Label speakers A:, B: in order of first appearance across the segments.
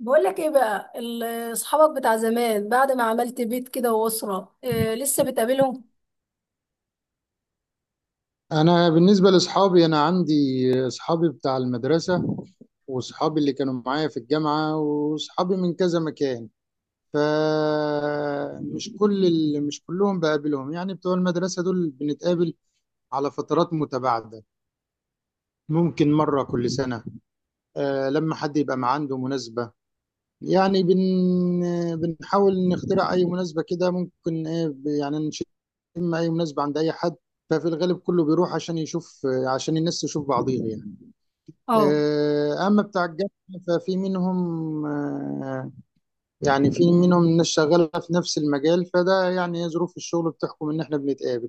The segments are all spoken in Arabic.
A: بقول لك ايه بقى اصحابك بتاع زمان بعد ما عملت بيت كده واسره، إيه لسه بتقابلهم؟
B: انا بالنسبه لاصحابي عندي اصحابي بتاع المدرسه، واصحابي اللي كانوا معايا في الجامعه، واصحابي من كذا مكان. فمش كل ال- مش كلهم بقابلهم، يعني بتوع المدرسه دول بنتقابل على فترات متباعده، ممكن مره كل سنه. آه، لما حد يبقى عنده مناسبه، يعني بنحاول نخترع اي مناسبه كده، ممكن ايه يعني اي مناسبه عند اي حد. ففي الغالب كله بيروح عشان يشوف، عشان الناس تشوف بعضيها يعني.
A: اه
B: آه، أما بتاع الجامعة ففي منهم، يعني في منهم الناس شغالة في نفس المجال، فده يعني هي ظروف الشغل بتحكم إن إحنا بنتقابل.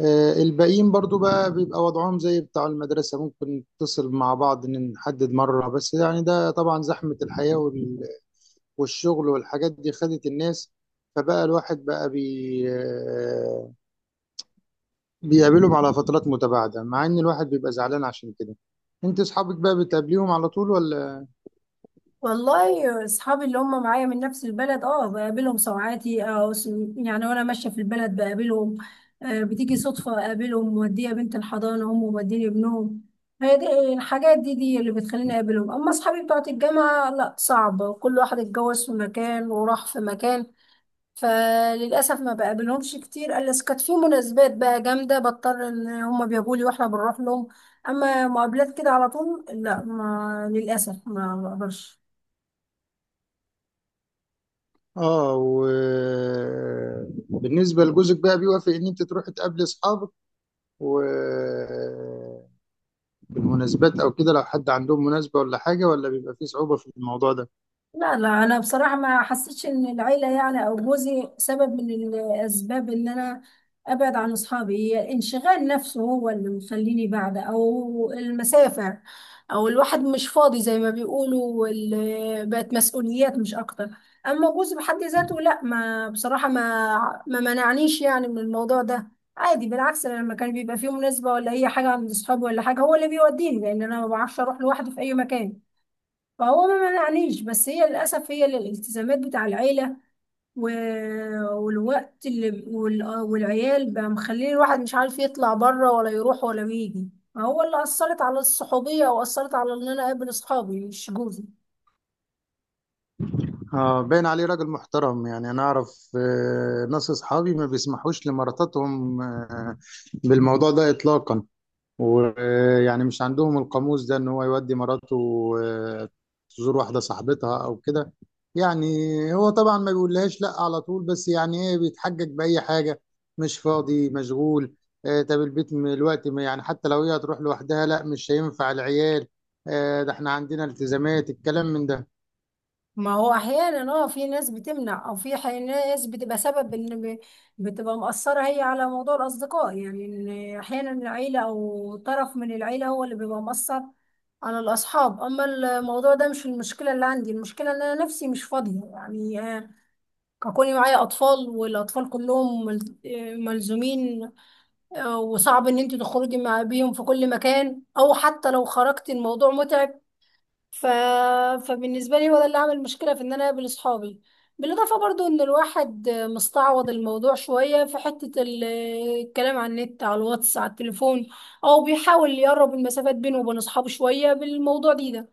B: آه، الباقيين برضو بقى بيبقى وضعهم زي بتاع المدرسة، ممكن نتصل مع بعض إن نحدد مرة، بس يعني ده طبعا زحمة الحياة والشغل والحاجات دي خدت الناس. فبقى الواحد بقى بي آه، بيقابلهم على فترات متباعدة، مع إن الواحد بيبقى زعلان عشان كده. أنت أصحابك بقى بتقابليهم على طول ولا؟
A: والله اصحابي اللي هم معايا من نفس البلد اه بقابلهم ساعاتي او يعني وانا ماشيه في البلد بقابلهم. آه بتيجي صدفه اقابلهم موديه بنت الحضانه هم موديني ابنهم. هي دي الحاجات دي اللي بتخليني اقابلهم. اما اصحابي بتوع الجامعه لا صعب، كل واحد اتجوز في مكان وراح في مكان، فللاسف ما بقابلهمش كتير الا إذا كانت في مناسبات بقى جامده بضطر ان هم بيجوا لي واحنا بنروح لهم. اما مقابلات كده على طول لا، ما للاسف ما بقدرش.
B: اه، وبالنسبة لجوزك بقى بيوافق ان انت تروح تقابلي اصحابك وبالمناسبات او كده؟ لو حد عندهم مناسبة ولا حاجة، ولا بيبقى فيه صعوبة في الموضوع ده؟
A: لا لا انا بصراحه ما حسيتش ان العيله يعني او جوزي سبب من الاسباب ان انا ابعد عن اصحابي، هي الانشغال نفسه هو اللي مخليني بعد او المسافه، او الواحد مش فاضي زي ما بيقولوا، بقت مسؤوليات مش اكتر. اما جوزي بحد ذاته لا، ما بصراحه ما منعنيش يعني من الموضوع ده. عادي، بالعكس أنا لما كان بيبقى فيه مناسبه ولا هي حاجه عند اصحابي ولا حاجه هو اللي بيوديني لان انا ما بعرفش اروح لوحدي في اي مكان. فهو ما منعنيش، بس هي للأسف هي الالتزامات بتاع العيلة و... والوقت اللي والعيال بقى مخليه الواحد مش عارف يطلع بره ولا يروح ولا يجي، هو اللي أثرت على الصحوبية وأثرت على إن أنا أقابل أصحابي، مش جوزي.
B: اه، باين عليه راجل محترم. يعني انا اعرف آه، ناس اصحابي ما بيسمحوش لمراتاتهم بالموضوع ده اطلاقا. ويعني مش عندهم القاموس ده ان هو يودي مراته آه، تزور واحدة صاحبتها او كده يعني. هو طبعا ما بيقولهاش لا على طول، بس يعني ايه بيتحجج بأي حاجة: مش فاضي، مشغول، آه، طب البيت الوقت يعني حتى لو هي هتروح لوحدها، لا مش هينفع، العيال، آه، ده احنا عندنا التزامات، الكلام من ده.
A: ما هو احيانا اه في ناس بتمنع او في ناس بتبقى سبب ان، بتبقى مأثرة هي على موضوع الاصدقاء، يعني ان احيانا العيلة او طرف من العيلة هو اللي بيبقى مأثر على الاصحاب. اما الموضوع ده مش المشكلة اللي عندي، المشكلة ان انا نفسي مش فاضية يعني، آه، كوني معايا اطفال والاطفال كلهم ملزومين، آه، وصعب ان انت تخرجي مع بيهم في كل مكان او حتى لو خرجت الموضوع متعب. ف... فبالنسبة لي هو ده اللي عمل مشكلة في ان انا اقابل اصحابي. بالاضافة برضو ان الواحد مستعوض الموضوع شوية في حتة الكلام على النت على الواتس على التليفون، او بيحاول يقرب المسافات بينه وبين اصحابه شوية بالموضوع دي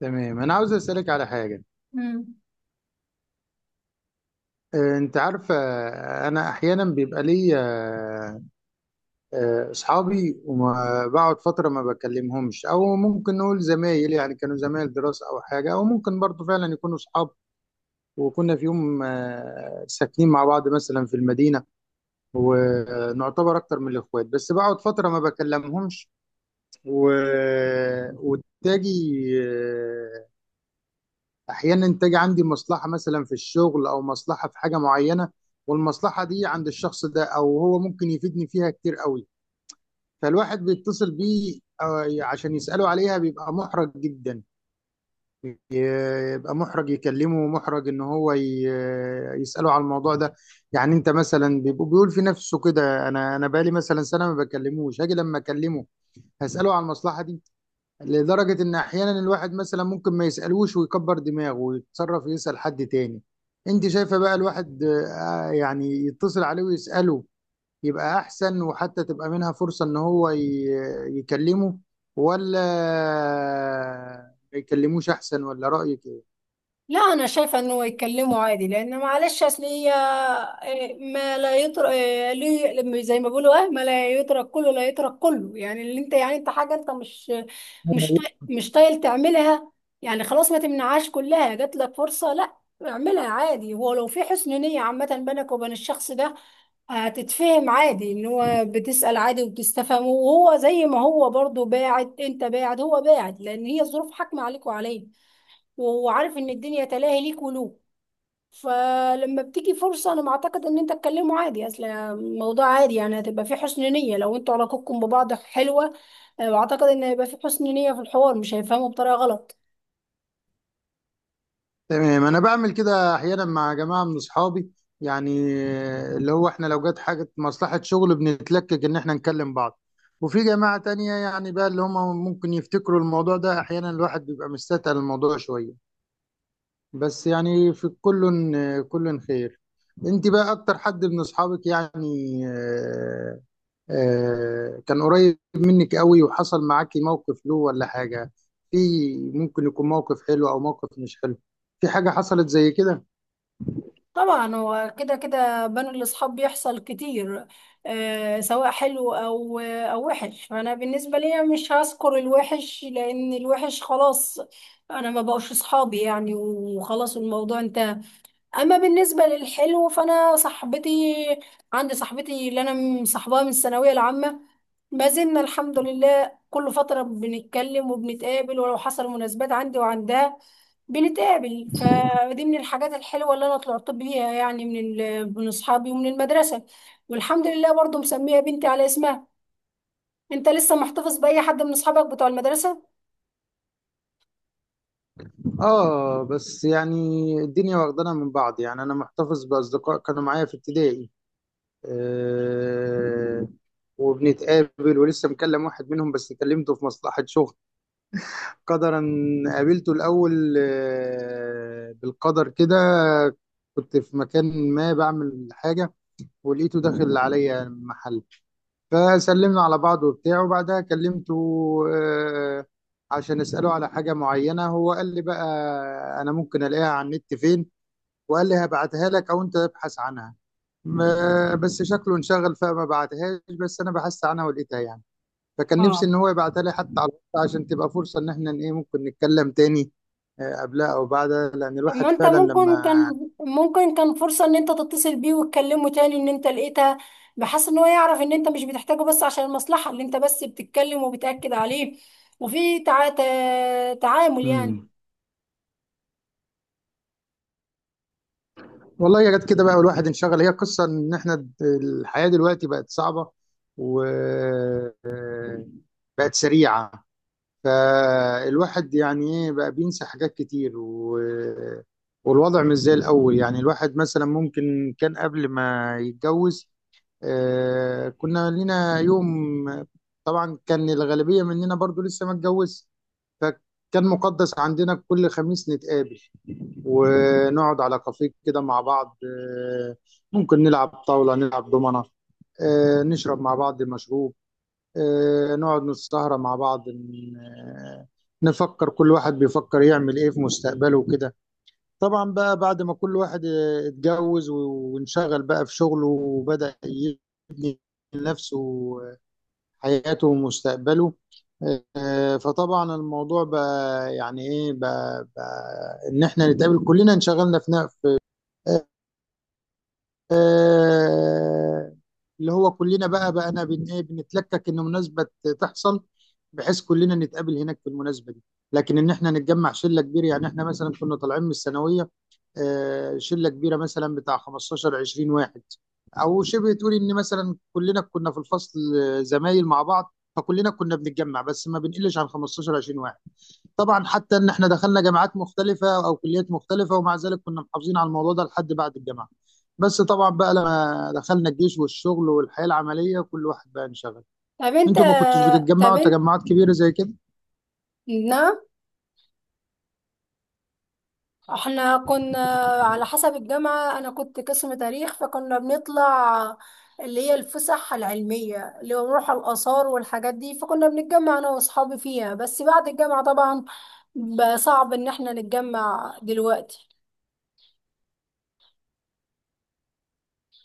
B: تمام، انا عاوز اسألك على حاجة.
A: ده.
B: آه، انت عارفة، آه، انا احيانا بيبقى ليا آه، اصحابي وبقعد فتره ما بكلمهمش، او ممكن نقول زمايل يعني، كانوا زمايل دراسه او حاجه، او ممكن برضو فعلا يكونوا اصحاب، وكنا في يوم آه، ساكنين مع بعض مثلا في المدينه، ونعتبر اكتر من الاخوات، بس بقعد فتره ما بكلمهمش و... وتاجي، آه، احيانا تاجي عندي مصلحه مثلا في الشغل او مصلحه في حاجه معينه، والمصلحه دي عند الشخص ده، او هو ممكن يفيدني فيها كتير قوي. فالواحد بيتصل بيه آه، عشان يسأله عليها بيبقى محرج جدا، يبقى محرج يكلمه ومحرج ان هو يسأله على الموضوع ده. يعني انت مثلا بيبقى بيقول في نفسه كده: انا بقالي مثلا سنة ما بكلموش، هاجي لما اكلمه هسأله على المصلحة دي. لدرجة ان احيانا الواحد مثلا ممكن ما يسألوش ويكبر دماغه ويتصرف يسأل حد تاني. انت شايفة بقى الواحد آه، يعني يتصل عليه ويسأله يبقى احسن، وحتى تبقى منها فرصة ان هو يكلمه، ولا ما يكلموش احسن؟ ولا رأيك ايه؟
A: لا انا شايفه انه يتكلموا عادي، لان معلش اصل هي إيه، ما لا يترك ليه، زي ما بيقولوا اه ما لا يترك كله لا يترك كله، يعني اللي انت يعني انت حاجه انت مش، مش طايل تعملها، يعني خلاص ما تمنعهاش كلها، جات لك فرصه لا، اعملها عادي. هو لو في حسن نيه عامه بينك وبين الشخص ده هتتفهم عادي ان هو بتسال عادي وبتستفهمه، وهو زي ما هو برضو باعد انت باعد هو باعد لان هي الظروف حاكمه عليك وعليه، وعارف ان الدنيا تلاهي ليك ولوك. فلما بتيجي فرصة انا معتقد ان انت تكلمه عادي، اصل الموضوع عادي يعني هتبقى فيه حسن نية لو انتوا علاقتكم ببعض حلوة. أنا بعتقد ان هيبقى فيه حسن نية في الحوار، مش هيفهموا بطريقة غلط.
B: تمام، انا بعمل كده احيانا مع جماعه من اصحابي، يعني اللي هو احنا لو جت حاجه مصلحه شغل بنتلكك ان احنا نكلم بعض. وفي جماعه تانية يعني بقى اللي هم ممكن يفتكروا الموضوع ده، احيانا الواحد بيبقى مستثقل الموضوع شويه. بس يعني في كل خير. انت بقى اكتر حد من اصحابك يعني كان قريب منك قوي وحصل معاكي موقف له ولا حاجة؟ في ممكن يكون موقف حلو أو موقف مش حلو، في حاجة حصلت زي كده؟
A: طبعا هو كده كده بين الاصحاب بيحصل كتير، آه سواء حلو او وحش، فانا بالنسبة لي مش هذكر الوحش لان الوحش خلاص انا ما بقوش اصحابي يعني وخلاص الموضوع انتهى. اما بالنسبه للحلو فانا صاحبتي، عندي صاحبتي اللي انا مصاحباها من الثانويه العامه، ما زلنا الحمد لله كل فتره بنتكلم وبنتقابل ولو حصل مناسبات عندي وعندها بنتقابل. فدي من الحاجات الحلوه اللي انا طلعت بيها يعني من من اصحابي ومن المدرسه، والحمد لله برضو مسميه بنتي على اسمها. انت لسه محتفظ باي حد من اصحابك بتوع المدرسه؟
B: آه بس يعني الدنيا واخدانا من بعض. يعني أنا محتفظ بأصدقاء كانوا معايا في ابتدائي، آه، وبنتقابل، ولسه مكلم واحد منهم بس، كلمته في مصلحة شغل. قدرا قابلته الأول آه بالقدر كده: كنت في مكان ما بعمل حاجة ولقيته داخل عليا المحل، فسلمنا على بعض وبتاع، وبعدها كلمته آه، عشان اساله على حاجه معينه. هو قال لي بقى انا ممكن الاقيها على النت فين، وقال لي هبعتها لك او انت ابحث عنها. بس شكله انشغل فما بعتهاش، بس انا بحثت عنها ولقيتها يعني. فكان نفسي ان هو يبعتها لي حتى على الوقت، عشان تبقى فرصه ان احنا ايه ممكن نتكلم تاني آه، قبلها او بعدها، لان
A: طب ما
B: الواحد
A: انت
B: فعلا
A: ممكن
B: لما.
A: كان ممكن كان فرصة ان انت تتصل بيه وتكلمه تاني ان انت لقيتها، بحيث ان هو يعرف ان انت مش بتحتاجه بس عشان المصلحة، اللي انت بس بتتكلم وبتأكد عليه وفي تعامل يعني.
B: والله يا ريت كده، بقى الواحد انشغل. هي قصة ان احنا الحياة دلوقتي بقت صعبة و آه، بقت سريعة. فالواحد يعني ايه بقى بينسى حاجات كتير آه، والوضع مش زي الأول. يعني الواحد مثلا ممكن كان قبل ما يتجوز آه، كنا لينا يوم، طبعا كان الغالبية مننا برضو لسه ما اتجوز، فكان مقدس عندنا كل خميس نتقابل، ونقعد على كافيه كده مع بعض، آه، ممكن نلعب طاولة، نلعب دومنة، آه، نشرب مع بعض مشروب، آه، نقعد نسهرة مع بعض، نفكر، كل واحد بيفكر يعمل ايه في مستقبله وكده. طبعا بقى بعد ما كل واحد آه، اتجوز وانشغل بقى في شغله، وبدأ يبني لنفسه حياته ومستقبله، آه، فطبعا الموضوع بقى يعني ايه بقى، ان احنا نتقابل كلنا انشغلنا في آه، اللي هو كلنا بقى بقى بن ايه بنتلكك ان مناسبه تحصل، بحيث كلنا نتقابل هناك في المناسبه دي، لكن ان احنا نتجمع شله كبيره. يعني احنا مثلا كنا طالعين من الثانويه آه، شله كبيره مثلا بتاع 15 20 واحد، او شبه تقول ان مثلا كلنا كنا في الفصل آه، زمايل مع بعض، فكلنا كنا بنتجمع بس ما بنقلش عن 15 20 واحد. طبعا حتى ان احنا دخلنا جامعات مختلفه او كليات مختلفه، ومع ذلك كنا محافظين على الموضوع ده لحد بعد الجامعه، بس طبعا بقى لما دخلنا الجيش والشغل والحياه العمليه، كل واحد بقى انشغل.
A: طب انت
B: انتوا ما كنتوش
A: طب
B: بتتجمعوا
A: انت
B: تجمعات كبيره زي كده؟
A: نعم، احنا كنا على حسب الجامعة، انا كنت قسم تاريخ فكنا بنطلع اللي هي الفسح العلمية اللي هو بنروح على الآثار والحاجات دي، فكنا بنتجمع انا واصحابي فيها. بس بعد الجامعة طبعا بقى صعب ان احنا نتجمع دلوقتي.